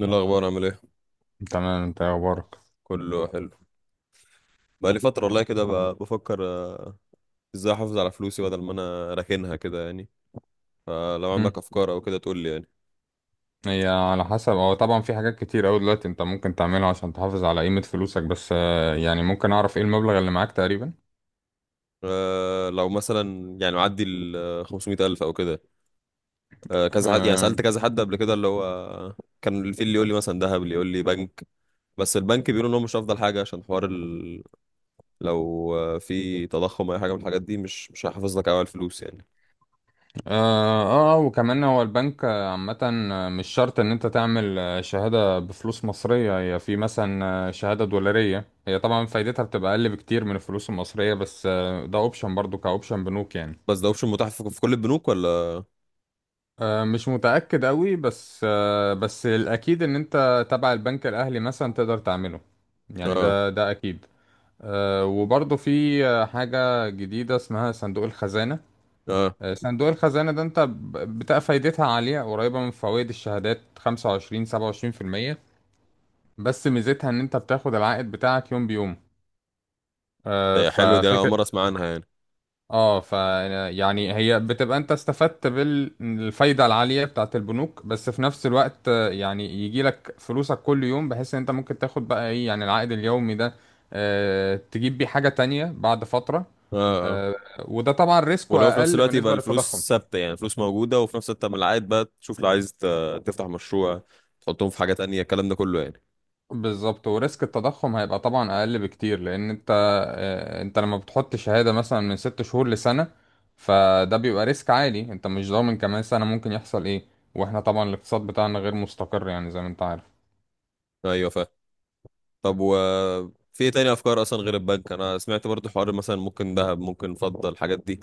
إيه الأخبار عامل إيه؟ تمام، انت ايه اخبارك؟ كله حلو. بقالي فترة والله كده بفكر إزاي أحافظ على فلوسي بدل ما أنا راكنها كده يعني. فلو مم. عندك أفكار أو كده تقول لي يعني. هي على حسب. هو طبعا في حاجات كتير اوي دلوقتي انت ممكن تعملها عشان تحافظ على قيمة فلوسك، بس يعني ممكن اعرف ايه المبلغ اللي معاك تقريبا؟ أه لو مثلا يعني معدي ال 500 ألف أو كده. أه كذا حد يعني اه. سألت كذا حد قبل كده اللي هو كان في اللي يقول لي مثلا ذهب، اللي يقول لي بنك. بس البنك بيقولوا إن هو مش أفضل حاجة عشان حوار لو في تضخم أو أي حاجة من الحاجات دي مش هيحافظ لك أوي على الفلوس يعني. وكمان هو البنك عامة مش شرط ان انت تعمل شهادة بفلوس مصرية، هي في مثلا شهادة دولارية، هي طبعا فايدتها بتبقى اقل بكتير من الفلوس المصرية، بس ده اوبشن برضو كاوبشن بنوك يعني. بس ده أوبشن متاح في كل البنوك ولا؟ مش متأكد قوي، بس الأكيد إن أنت تبع البنك الأهلي مثلا تقدر تعمله، يعني آه، ده أكيد. وبرضه في حاجة جديدة اسمها صندوق الخزانة. آه، صندوق الخزانة ده أنت بتبقى فايدتها عالية قريبة من فوائد الشهادات، 25 27%، بس ميزتها إن أنت بتاخد العائد بتاعك يوم بيوم. آه، ده حلوة دي، أنا أول ففكرة مرة أسمع عنها يعني. اه ف يعني هي بتبقى انت استفدت بالفايدة العالية بتاعت البنوك، بس في نفس الوقت يعني يجي لك فلوسك كل يوم، بحيث ان انت ممكن تاخد بقى ايه يعني العائد اليومي ده، تجيب بيه حاجة تانية بعد فترة. آه، آه. آه، وده طبعا ريسكه ولو في نفس اقل الوقت يبقى بالنسبة للتضخم. الفلوس ثابته، يعني الفلوس موجوده وفي نفس الوقت من العائد بقى تشوف لو عايز تفتح مشروع، تحطهم في حاجه تانية، الكلام ده كله يعني. بالظبط، وريسك التضخم هيبقى طبعا اقل بكتير لان انت انت لما بتحط شهادة مثلا من 6 شهور لسنة، فده بيبقى ريسك عالي، انت مش ضامن كمان سنة ممكن يحصل ايه. واحنا طبعا الاقتصاد بتاعنا غير مستقر، يعني زي ما انت عارف. ايوه فاهم. طب و، في إيه تاني افكار اصلا غير البنك؟ انا سمعت برضو حوار مثلا ممكن ذهب، ممكن فضه، الحاجات دي.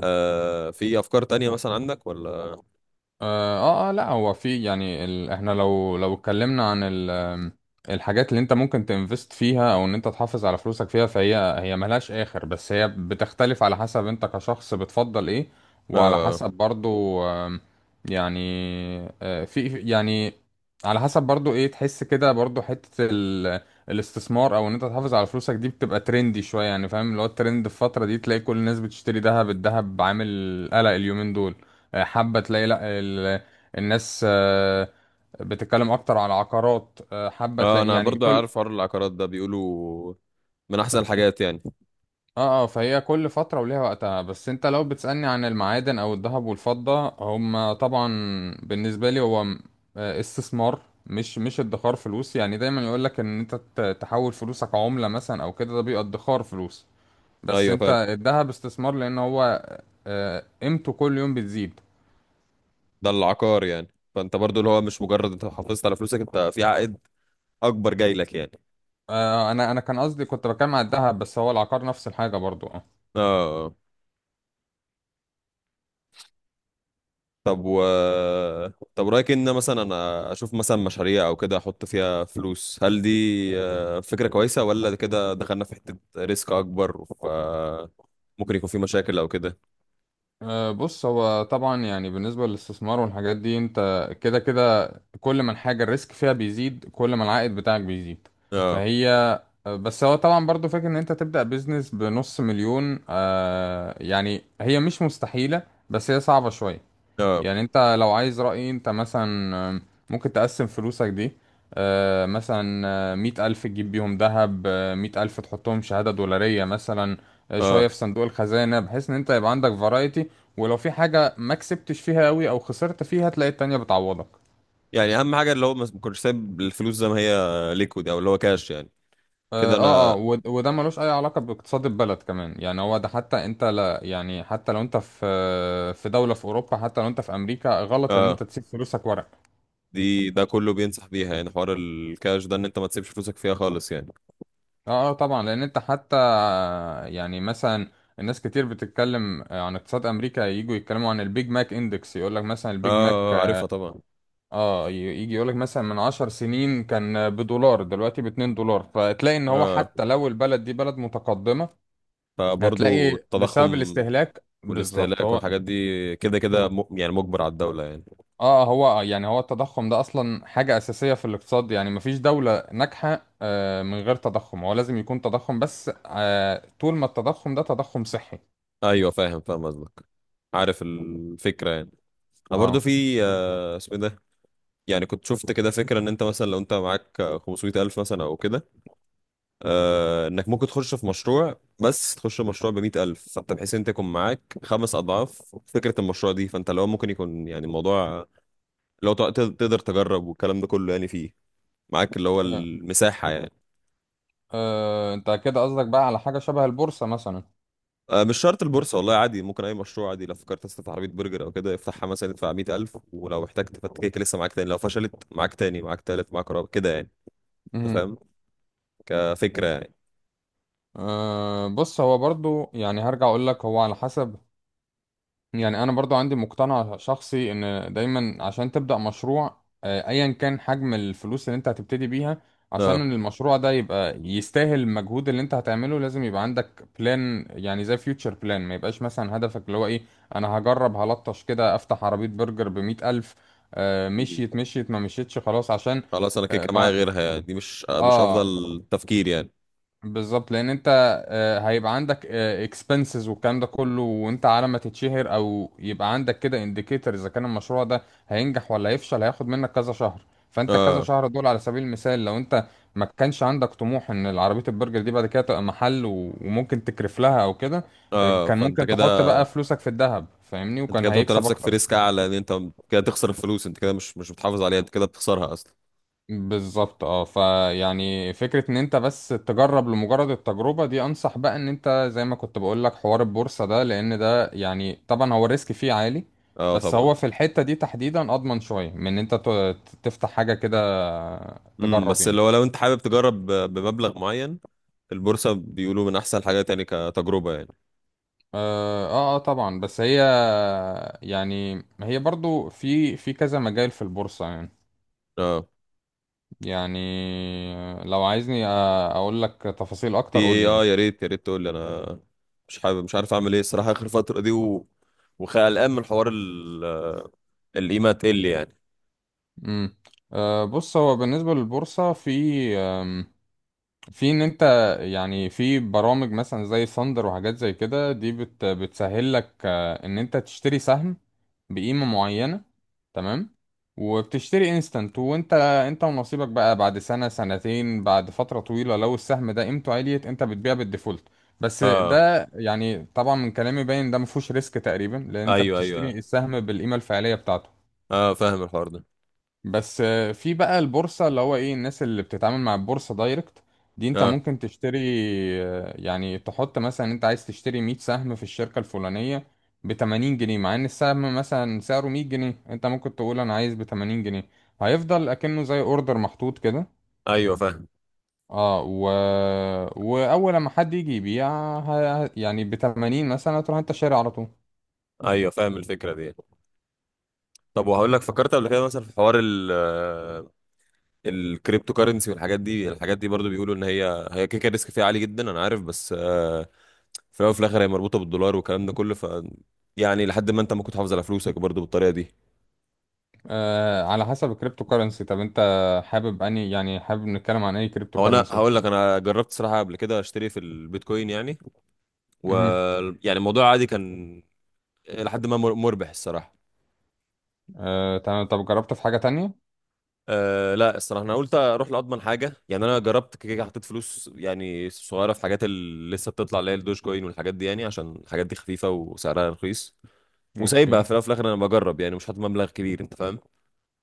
في افكار تانية مثلا عندك ولا؟ اه لا، هو في يعني احنا لو اتكلمنا عن ال... آم، الحاجات اللي انت ممكن تنفست فيها او ان انت تحافظ على فلوسك فيها، فهي ملهاش اخر، بس هي بتختلف على حسب انت كشخص بتفضل ايه، وعلى اه، حسب برضو يعني آه، في في- يعني على حسب برضو ايه تحس كده، برضو حتة الاستثمار او ان انت تحافظ على فلوسك دي بتبقى ترندي شوية، يعني فاهم، اللي هو الترند في الفترة دي تلاقي كل الناس بتشتري دهب، الدهب عامل قلق اليومين دول، حابة تلاقي لا الناس بتتكلم اكتر على عقارات، حابة اه، تلاقي انا يعني برضو كل عارف حوار العقارات ده. بيقولوا من احسن الحاجات يعني. اه فهي كل فترة وليها وقتها. بس انت لو بتسألني عن المعادن او الذهب والفضة، هم طبعا بالنسبة لي هو استثمار، مش ادخار فلوس. يعني دايما يقولك ان انت تحول فلوسك عملة مثلا او كده، ده بيبقى ادخار فلوس، بس ايوه انت فاهم. الذهب استثمار، لان هو قيمته كل يوم بتزيد. ده العقار يعني. فانت برضو اللي هو مش مجرد انت حافظت على فلوسك، انت في عائد اكبر جاي لك يعني. آه، انا انا كان قصدي كنت بتكلم على الذهب، بس هو العقار نفس الحاجه برضو، اه. اه. طب و، طب رأيك ان مثلا انا اشوف مثلا مشاريع او كده احط فيها فلوس؟ هل دي فكرة كويسة، ولا ده كده دخلنا في حتة ريسك اكبر ف ممكن يكون في مشاكل او كده؟ بص، هو طبعا يعني بالنسبه للاستثمار والحاجات دي، انت كده كده كل ما الحاجه الريسك فيها بيزيد، كل ما العائد بتاعك بيزيد، اه، فهي بس هو طبعا برضو فاكر ان انت تبدا بيزنس بنص مليون، يعني هي مش مستحيله، بس هي صعبه شويه. اه، يعني انت لو عايز رأيي، انت مثلا آم، ممكن تقسم فلوسك دي، مثلا 100 ألف تجيب بيهم ذهب، 100 ألف تحطهم شهادة دولارية مثلا، اه، شوية في صندوق الخزانة، بحيث ان انت يبقى عندك فرايتي. ولو في حاجة ما كسبتش فيها قوي او خسرت فيها، تلاقي التانية بتعوضك. يعني اهم حاجة اللي هو ما كنتش سايب الفلوس زي ما هي ليكويد او اللي هو كاش يعني. كده انا، وده ملوش اي علاقة باقتصاد البلد كمان، يعني هو ده. حتى انت لا، يعني حتى لو انت في في دولة في اوروبا، حتى لو انت في امريكا، غلط ان اه، انت تسيب فلوسك ورق. ده كله بينصح بيها يعني. حوار الكاش ده ان انت ما تسيبش فلوسك فيها خالص يعني. طبعا، لان انت حتى يعني مثلا الناس كتير بتتكلم عن اقتصاد امريكا، يجوا يتكلموا عن البيج ماك اندكس، يقول لك مثلا اه، البيج ماك عارفها طبعا. اه ي- يجي يقول لك مثلا من 10 سنين كان بدولار، دلوقتي باتنين دولار، فتلاقي ان هو اه، حتى لو البلد دي بلد متقدمة فبرضو هتلاقي التضخم بسبب الاستهلاك، بالظبط والاستهلاك هو. والحاجات دي كده كده يعني مجبر على الدولة يعني. اه، هو يعني هو التضخم ده اصلا حاجة اساسية في الاقتصاد، يعني مفيش دولة ناجحة من غير تضخم، هو لازم يكون تضخم، بس طول ما التضخم ده تضخم صحي. ايوه فاهم، فاهم قصدك. عارف الفكرة يعني. انا برضو اه. في اسمه إيه ده، يعني كنت شفت كده فكرة ان انت مثلا لو انت معاك 500 الف مثلا او كده، انك ممكن تخش في مشروع، بس تخش في مشروع ب 100 الف، فانت بحيث انت يكون معاك خمس اضعاف فكرة المشروع دي. فانت لو ممكن يكون يعني الموضوع، لو تقدر تجرب والكلام ده كله، يعني فيه معاك اللي هو إيه. المساحة يعني. انت كده قصدك بقى على حاجة شبه البورصة مثلا؟ مش شرط البورصة والله، عادي ممكن أي مشروع عادي. لو فكرت تفتح عربية برجر أو كده، افتحها مثلا، ادفع 100,000، ولو احتجت تفكك لسه معاك تاني، لو فشلت معاك تاني، معاك تالت، معاك رابع كده يعني. أنت مهم. فاهم كفكرة يعني؟ بص، هو برضو يعني هرجع اقول لك هو على حسب، يعني انا برضو عندي مقتنع شخصي ان دايما عشان تبدأ مشروع ايا كان حجم الفلوس اللي انت هتبتدي بيها، اه. عشان المشروع ده يبقى يستاهل المجهود اللي انت هتعمله، لازم يبقى عندك بلان، يعني زي فيوتشر بلان، ما يبقاش مثلا هدفك اللي هو ايه، انا هجرب هلطش كده افتح عربية برجر ب100 ألف، مم. مشيت مشيت ما مشيتش خلاص عشان. خلاص أنا كده كده معايا غيرها يعني، دي مش اه أفضل تفكير يعني. بالظبط، لان انت هيبقى عندك اكسبنسز والكلام ده كله، وانت على ما تتشهر او يبقى عندك كده انديكيتور اذا كان المشروع ده هينجح ولا هيفشل، هياخد منك كذا شهر، فانت كذا اه، شهر دول على سبيل المثال لو انت ما كانش عندك طموح ان العربية البرجر دي بعد كده تبقى محل وممكن تكرف لها او كده، اه، كان فأنت ممكن كده، تحط بقى فلوسك في الذهب، فاهمني؟ أنت وكان كده بتحط هيكسب نفسك في اكتر. ريسك أعلى. إن أنت كده تخسر الفلوس، أنت كده مش بتحافظ عليها، أنت كده بتخسرها أصلا. بالظبط. اه فيعني فكرة ان انت بس تجرب لمجرد التجربة، دي انصح بقى ان انت زي ما كنت بقول لك حوار البورصة ده، لان ده يعني طبعا هو الريسك فيه عالي، اه بس طبعا. هو في الحتة دي تحديدا اضمن شوية من ان انت تفتح حاجة كده امم، تجرب بس يعني. اللي هو لو أنت حابب تجرب بمبلغ معين، البورصة بيقولوا من أحسن الحاجات يعني كتجربة يعني. طبعا، بس هي يعني هي برضو في في كذا مجال في البورصة يعني. اه، يعني لو عايزني اقول لك تفاصيل في اكتر قول لي ايه؟ اه، يعني. يا ريت، يا ريت تقول لي. انا مش حابب، مش عارف اعمل ايه الصراحه اخر فتره دي وقلقان من حوار القيمه تقل يعني. امم. أه بص، هو بالنسبة للبورصة في آم، في ان انت يعني في برامج مثلا زي ثاندر وحاجات زي كده، دي بتسهل لك ان انت تشتري سهم بقيمة معينة، تمام، وبتشتري انستنت، وانت ونصيبك بقى بعد سنة سنتين بعد فترة طويلة، لو السهم ده قيمته عالية انت بتبيع بالديفولت. بس اه، ده يعني طبعا من كلامي باين ده مفهوش ريسك تقريبا، لان انت ايوه، بتشتري ايوه. السهم بالقيمة الفعلية بتاعته. اه، فاهم الحوار ده. بس في بقى البورصة اللي هو ايه الناس اللي بتتعامل مع البورصة دايركت، دي انت اه، ممكن تشتري يعني تحط مثلا انت عايز تشتري 100 سهم في الشركة الفلانية ب 80 جنيه، مع ان السهم مثلا سعره 100 جنيه، انت ممكن تقول انا عايز ب 80 جنيه، هيفضل اكنه زي اوردر محطوط كده. ايوه فاهم. اه و... واول ما حد يجي يبيع يعني ب 80 مثلا تروح انت شاري على طول. ايوه فاهم الفكره دي. طب وهقول لك، فكرت قبل كده مثلا في حوار الكريبتو كارنسي والحاجات دي؟ الحاجات دي برضو بيقولوا ان هي هي كيكه ريسك فيها عالي جدا، انا عارف، بس في الاول وفي الاخر هي مربوطه بالدولار والكلام ده كله، ف يعني لحد ما انت ممكن تحافظ على فلوسك برضو بالطريقه دي. آه، على حسب الكريبتو كرنسي. طب انت حابب اني يعني حابب نتكلم عن اي كريبتو هو انا كرنسي؟ هقول لك، انا جربت صراحه قبل كده اشتري في البيتكوين يعني. و يعني الموضوع عادي كان، لحد ما مربح الصراحه. تمام. طب جربت في حاجة تانية؟ أه لا، الصراحه انا قلت اروح لاضمن حاجه يعني. انا جربت كده كده، حطيت فلوس يعني صغيره في حاجات اللي لسه بتطلع، اللي هي الدوج كوين والحاجات دي يعني، عشان الحاجات دي خفيفه وسعرها رخيص، وسايبها. اوكي. في الاول وفي الاخر انا بجرب يعني، مش حاطط مبلغ كبير. انت فاهم؟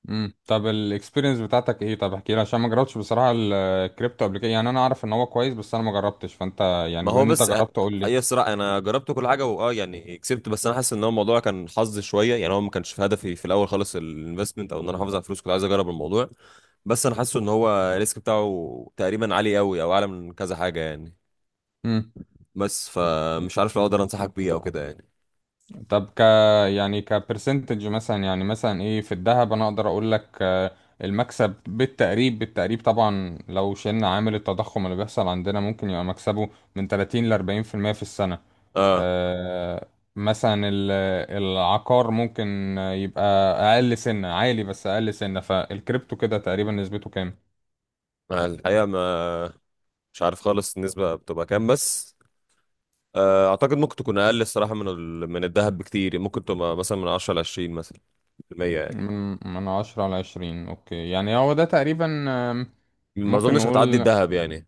امم، طب الاكسبيرينس بتاعتك ايه؟ طب احكي لي، عشان ما جربتش بصراحة الكريبتو قبل كده، يعني انا اعرف ان هو كويس بس انا ما جربتش، فانت يعني ما بما هو ان انت بس جربت قول لي. يسرع، انا جربت كل حاجه، واه يعني كسبت، بس انا حاسس ان هو الموضوع كان حظ شويه يعني. هو ما كانش في هدفي في الاول خالص الانفستمنت او ان انا احافظ على فلوس، كنت عايز اجرب الموضوع. بس انا حاسه ان هو الريسك بتاعه تقريبا عالي قوي، او اعلى من كذا حاجه يعني. امم. بس فمش عارف لو اقدر انصحك بيه او كده يعني. طب يعني كبرسنتج مثلا، يعني مثلا ايه في الذهب انا اقدر اقول لك المكسب بالتقريب طبعا لو شلنا عامل التضخم اللي بيحصل عندنا ممكن يبقى مكسبه من 30 ل 40% في المية في السنة. اه، آه، مثلا العقار ممكن يبقى اقل سنة عالي بس اقل سنة. فالكريبتو كده تقريبا نسبته كام؟ مع الحقيقه ما، مش عارف خالص النسبه بتبقى كام. بس اعتقد ممكن تكون اقل الصراحه من الذهب بكتير يعني. ممكن تبقى مثلا من 10 ل 20 مثلا في المية يعني. من عشرة على عشرين. اوكي، يعني هو ده تقريبا. ما ممكن اظنش هتعدي نقول، الذهب يعني.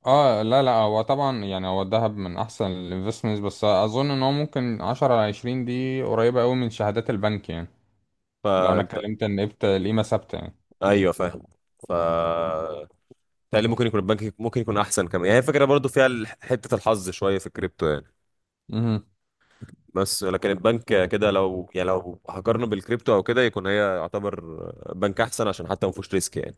اه لا لا هو طبعا يعني هو الذهب من احسن الانفستمنتس، بس اظن ان هو ممكن عشرة على عشرين دي قريبة قوي من شهادات البنك يعني، لو انا فانت، اتكلمت ان قيمة ثابتة ايوه فاهم. ف تقريبا ممكن يكون البنك ممكن يكون احسن كمان يعني. هي فكره برضو فيها حته الحظ شويه في الكريبتو يعني. يعني. بس لكن البنك كده، لو يعني لو هقارنه بالكريبتو او كده، يكون هي يعتبر بنك احسن عشان حتى ما فيهوش ريسك يعني.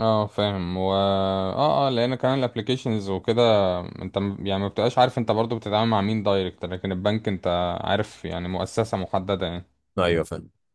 اه فاهم. و اه اه لان كمان الابليكيشنز وكده انت يعني ما بتبقاش عارف انت برضو بتتعامل مع مين دايركت، لكن البنك انت عارف يعني مؤسسة محددة يعني. ايوه فاهم.